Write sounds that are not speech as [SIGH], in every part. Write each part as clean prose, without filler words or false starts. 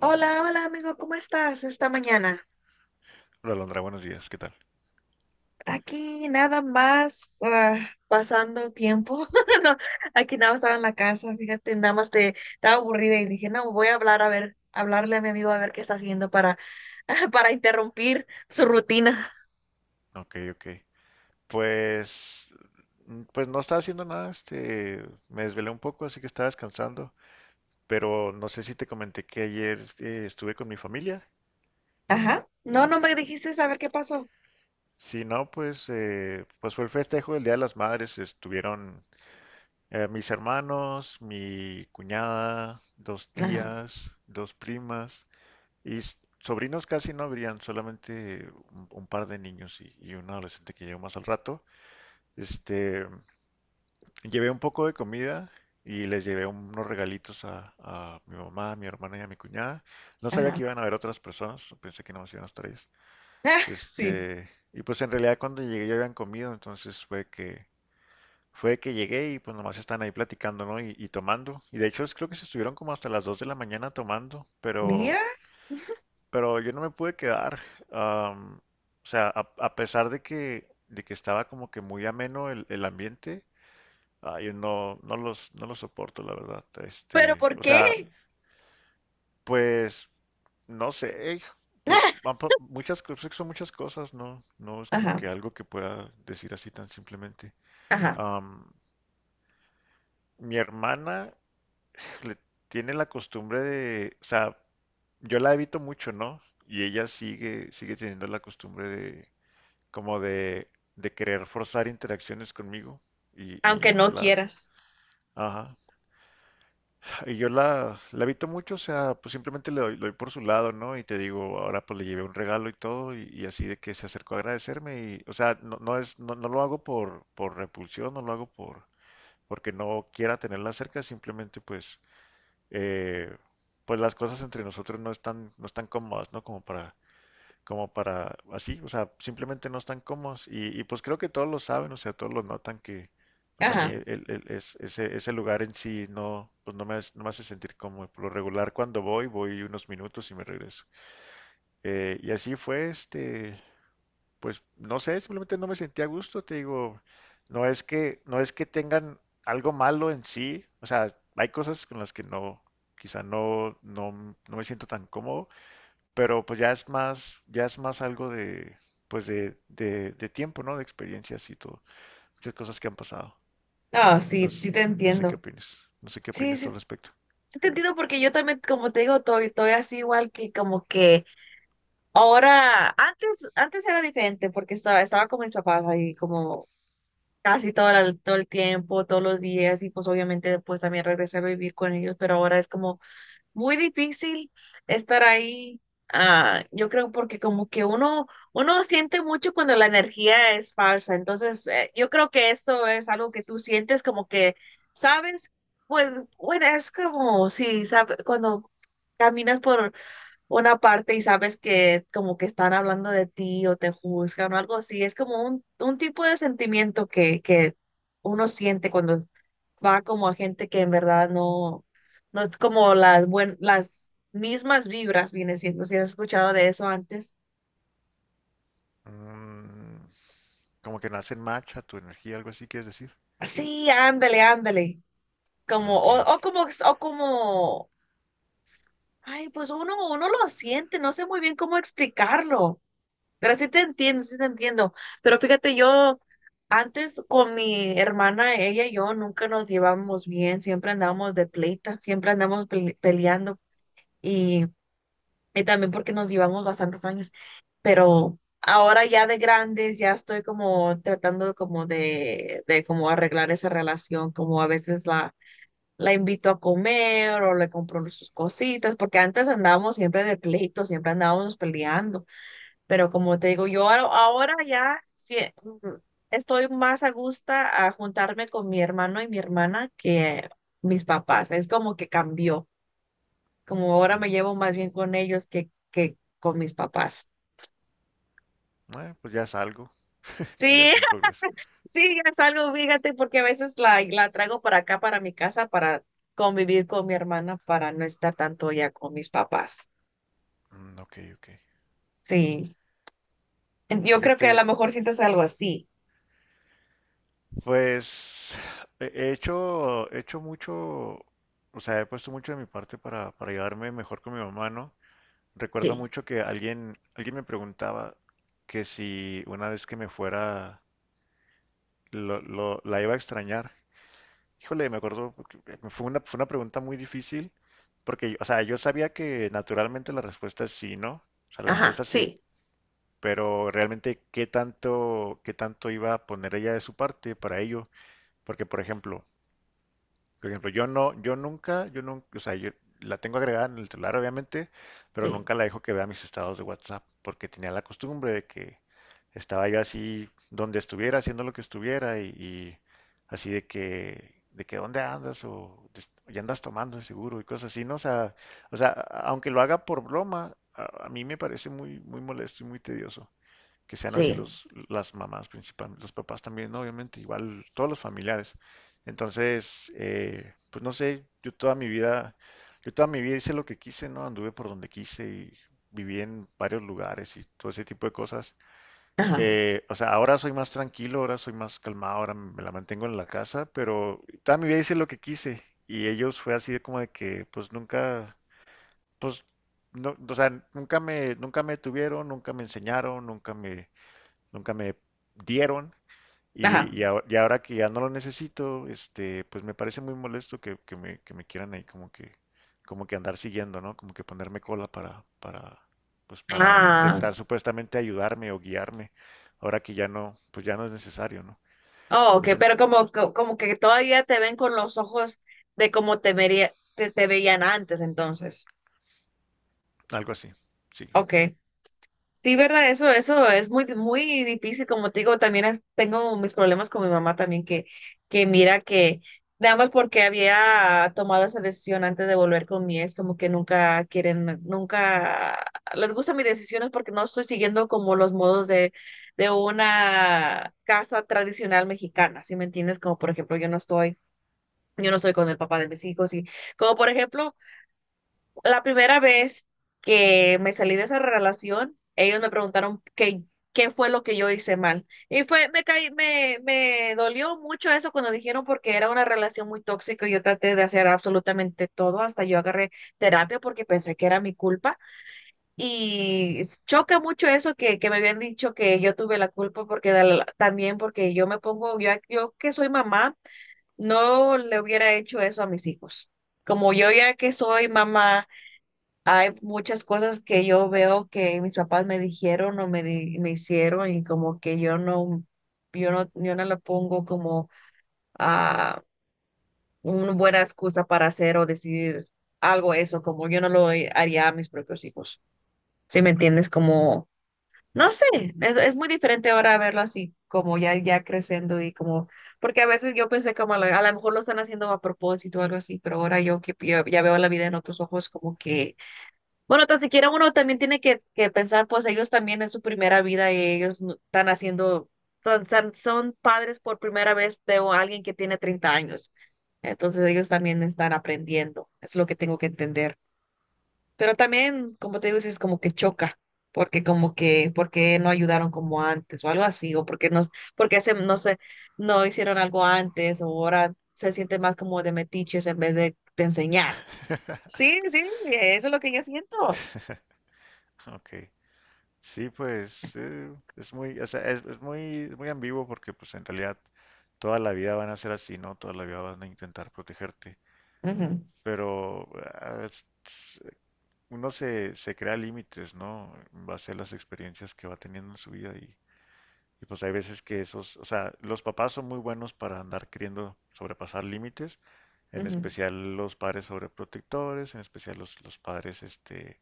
Hola, hola amigo, ¿cómo estás esta mañana? Hola, Alondra, buenos días, ¿qué tal? Aquí nada más pasando tiempo. [LAUGHS] No, aquí nada más estaba en la casa, fíjate, nada más te estaba aburrida y dije, no, voy a hablar a ver, hablarle a mi amigo a ver qué está haciendo para, [LAUGHS] para interrumpir su rutina. Ok, ok. Pues, pues, no estaba haciendo nada, me desvelé un poco, así que estaba descansando, pero no sé si te comenté que ayer estuve con mi familia. Ajá. No, no me dijiste saber qué pasó. Si no, pues fue el festejo del Día de las Madres, estuvieron mis hermanos, mi cuñada, dos Ajá, tías, dos primas y sobrinos casi no habrían, solamente un par de niños y un adolescente que llegó más al rato. Este, Llevé un poco de comida y les llevé unos regalitos a mi mamá, a mi hermana y a mi cuñada. No sabía ajá. que iban a haber otras personas, pensé que no más iban a estar ellas. [LAUGHS] Ah, sí. Este, y pues en realidad cuando llegué ya habían comido, entonces fue que llegué y pues nomás están ahí platicando, ¿no? Y tomando. Y de hecho creo que se estuvieron como hasta las 2 de la mañana tomando, Mira, pero yo no me pude quedar. am, o sea, a pesar de que estaba como que muy ameno el ambiente. Ah, yo no los soporto, la verdad. pero ¿por O sea, qué? pues, no sé, pues, van [LAUGHS] muchas, cosas son muchas cosas, ¿no? No es como Ajá, que algo que pueda decir así tan simplemente. ajá. Am, Mi hermana le tiene la costumbre de, o sea, yo la evito mucho, ¿no? Y ella sigue teniendo la costumbre de, como de querer forzar interacciones conmigo. Y Aunque yo no la, quieras. ajá. Y yo la evito mucho, o sea, pues simplemente le doy por su lado, ¿no? Y te digo, ahora pues le llevé un regalo y todo, y así de que se acercó a agradecerme, y, o sea, no, no es, no, no lo hago por repulsión, no lo hago por, porque no quiera tenerla cerca, simplemente pues, eh, pues las cosas entre nosotros no están, no están cómodas, ¿no? Como para, como para así, o sea, simplemente no están cómodos y, pues creo que todos lo saben, o sea, todos lo notan que pues a mí Ajá. Es, ese lugar en sí no, pues no me, no me hace sentir cómodo. Por lo regular cuando voy, voy unos minutos y me regreso. Y así fue, pues no sé, simplemente no me sentía a gusto, te digo, no es que, no es que tengan algo malo en sí, o sea, hay cosas con las que no, quizá no, no, no me siento tan cómodo pero pues ya es más algo de, pues de, de tiempo, ¿no? De experiencias y todo, muchas cosas que han pasado. No, No, sí, s- sí te no sé qué entiendo. opinas, no sé qué Sí, opinas tú sí. al respecto. Sí te entiendo porque yo también, como te digo, estoy, estoy así igual que como que ahora, antes, antes era diferente porque estaba, estaba con mis papás ahí como casi todo el tiempo, todos los días, y pues obviamente después también regresé a vivir con ellos, pero ahora es como muy difícil estar ahí. Ah, yo creo porque como que uno, uno siente mucho cuando la energía es falsa. Entonces, yo creo que eso es algo que tú sientes como que, ¿sabes? Pues, bueno, es como si, sabe- cuando caminas por una parte y sabes que como que están hablando de ti o te juzgan o algo así, es como un tipo de sentimiento que uno siente cuando va como a gente que en verdad no, no es como las, buen, las mismas vibras, viene siendo, si has escuchado de eso antes. Mm, como que nace match a tu energía, algo así, ¿quieres decir? Sí, ándale, ándale. Ah, Como, ok, ok. O como, ay, pues uno, uno lo siente, no sé muy bien cómo explicarlo, pero sí te entiendo, sí te entiendo. Pero fíjate, yo antes con mi hermana, ella y yo nunca nos llevábamos bien, siempre andábamos de pleita, siempre andamos pele- peleando. Y Y también porque nos llevamos bastantes años, pero ahora ya de grandes ya estoy como tratando de como arreglar esa relación, como a veces la, la invito a comer o le compro sus cositas, porque antes andábamos siempre de pleito, siempre andábamos peleando, pero como te digo, yo ahora, ahora ya sí, mm, estoy más a gusto a juntarme con mi hermano y mi hermana que mis papás, es como que cambió como ahora Mm, me llevo más bien con ellos que con mis papás. Pues ya es algo, [LAUGHS] ya Sí, es un progreso. [LAUGHS] sí, es algo, fíjate, porque a veces la, la traigo para acá, para mi casa, para convivir con mi hermana, para no estar tanto ya con mis papás. Mm, ok, ok. Sí, en- yo creo que a lo Fíjate, mejor sientes algo así. pues he hecho mucho, o sea, he puesto mucho de mi parte para llevarme mejor con mi mamá, ¿no? Recuerdo Sí, mucho que alguien, alguien me preguntaba que si una vez que me fuera la iba a extrañar. Híjole, me acuerdo, porque fue una pregunta muy difícil porque, o sea, yo sabía que naturalmente la respuesta es sí, ¿no? O sea, la ajá, respuesta es sí, sí, pero realmente qué tanto iba a poner ella de su parte para ello. Porque, por ejemplo, por ejemplo, yo no, yo nunca, o sea, yo la tengo agregada en el celular, obviamente, pero sí, nunca la dejo que vea mis estados de WhatsApp, porque tenía la costumbre de que estaba yo así donde estuviera, haciendo lo que estuviera, y así de que dónde andas, o ya andas tomando de seguro, y cosas así, ¿no? O sea, aunque lo haga por broma, a mí me parece muy, muy molesto y muy tedioso que sean así sí, los, las mamás principalmente, los papás también, ¿no? Obviamente, igual todos los familiares. Entonces, pues no sé, yo toda mi vida hice lo que quise, ¿no? Anduve por donde quise y viví en varios lugares y todo ese tipo de cosas. ajá, O sea, ahora soy más tranquilo, ahora soy más calmado, ahora me la mantengo en la casa, pero toda mi vida hice lo que quise y ellos fue así de como de que pues nunca, pues no, o sea, nunca me tuvieron, nunca me enseñaron, nunca me dieron ajá. Y ahora que ya no lo necesito, pues me parece muy molesto que me quieran ahí como que andar siguiendo, ¿no? Como que ponerme cola pues para Ah, intentar supuestamente ayudarme o guiarme, ahora que ya no, pues ya no es necesario, ¿no? oh, ok, Es un- pero como, co- como que todavía te ven con los ojos de como te vería, te veían antes, entonces. Algo así, sí. Ok. Sí, verdad, eso es muy, muy difícil, como te digo, también es- tengo mis problemas con mi mamá también, que mira que nada más porque había tomado esa decisión antes de volver con mi ex, como que nunca quieren, nunca les gustan mis decisiones porque no estoy siguiendo como los modos de una casa tradicional mexicana, ¿sí me entiendes? Como por ejemplo, yo no estoy con el papá de mis hijos y como por ejemplo... La primera vez que me salí de esa relación, ellos me preguntaron qué, qué fue lo que yo hice mal. Y fue, me caí, me dolió mucho eso cuando dijeron porque era una relación muy tóxica y yo traté de hacer absolutamente todo, hasta yo agarré terapia porque pensé que era mi culpa. Y choca mucho eso que me habían dicho que yo tuve la culpa porque de la- también porque yo me pongo, yo que soy mamá, no le hubiera hecho eso a mis hijos. Como yo ya que soy mamá hay muchas cosas que yo veo que mis papás me dijeron o me, di- me hicieron y como que yo no, yo no, yo no le pongo como a una buena excusa para hacer o decidir algo eso, como yo no lo haría a mis propios hijos. ¿Sí me entiendes? Como, no sé, es muy diferente ahora verlo así, como ya, ya creciendo y como, porque a veces yo pensé como a lo mejor lo están haciendo a propósito o algo así, pero ahora yo que yo ya veo la vida en otros ojos como que bueno, tan siquiera uno también tiene que pensar, pues ellos también en su primera vida y ellos no- están haciendo, son, son padres por primera vez de o- alguien que tiene 30 años. Entonces ellos también están aprendiendo, es lo que tengo que entender. Pero también, como te digo, sí es como que choca, porque como que, porque no ayudaron como antes o algo así, o porque no, porque se, no sé, no hicieron algo antes o ahora se siente más como de metiches en vez de enseñar. [LAUGHS] Sí, sí, eso es lo que yo siento. Ok. Sí, pues es muy, o sea, es, es muy ambiguo porque pues en realidad toda la vida van a ser así, ¿no? Toda la vida van a intentar protegerte. Ujú. Pero ah, es- uno se crea límites, ¿no? En base a las experiencias que va teniendo en su vida y pues hay veces que esos, o sea, los papás son muy buenos para andar queriendo sobrepasar límites, en Ujú. especial los padres sobreprotectores, en especial los padres,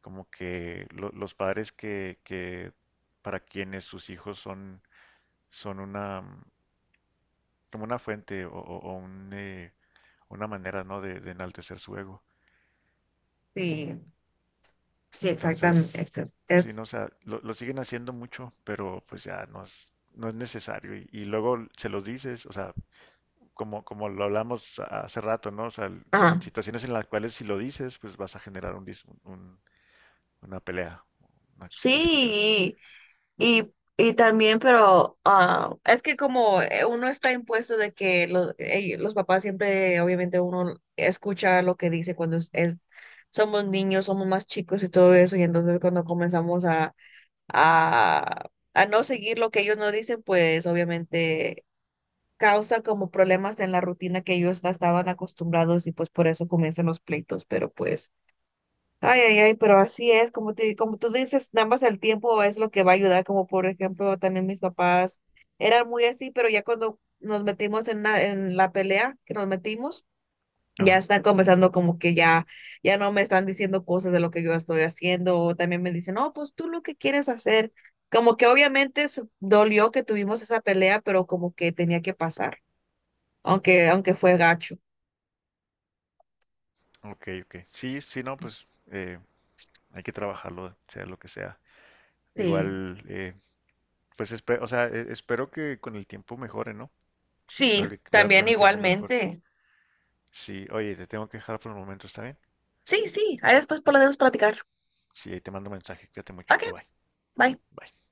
como que los padres que para quienes sus hijos son, son una, mm, como una fuente o, o un, una manera, ¿no? De enaltecer su ego. Sí, sí, exactamente. Entonces, Exact- sí, es- no, o sea, lo siguen haciendo mucho, pero pues ya no es, no es necesario. Y luego se los dices, o sea, como, como lo hablamos hace rato, ¿no? O sea, ajá. situaciones en las cuales si lo dices, pues vas a generar una pelea, una discusión. Sí, y, y, y también, pero es que como uno está impuesto de que los papás siempre, obviamente uno escucha lo que dice cuando es- somos niños, somos más chicos y todo eso, y entonces cuando comenzamos a, a no seguir lo que ellos nos dicen, pues obviamente causa como problemas en la rutina que ellos estaban acostumbrados y pues por eso comienzan los pleitos, pero pues... Ay, ay, ay, pero así es, como te, como tú dices, nada más el tiempo es lo que va a ayudar, como por ejemplo, también mis papás eran muy así, pero ya cuando nos metimos en la pelea que nos metimos, ya Ajá. están comenzando como que ya, ya no me están diciendo cosas de lo que yo estoy haciendo, o también me dicen, no, pues tú lo que quieres hacer, como que obviamente se- dolió que tuvimos esa pelea, pero como que tenía que pasar, aunque, aunque fue gacho. Ok, ok. Sí, sí, no, pues hay que trabajarlo, sea lo que sea. Sí, Igual, pues, o sea, espero que con el tiempo mejore, ¿no? Sí, Espero que con también el tiempo mejore. igualmente. Sí, oye, te tengo que dejar por el momento, ¿está bien? Sí, sí, ahí después podemos platicar. Sí, ahí te mando un mensaje. Cuídate mucho. Okay, Bye bye. bye. Bye.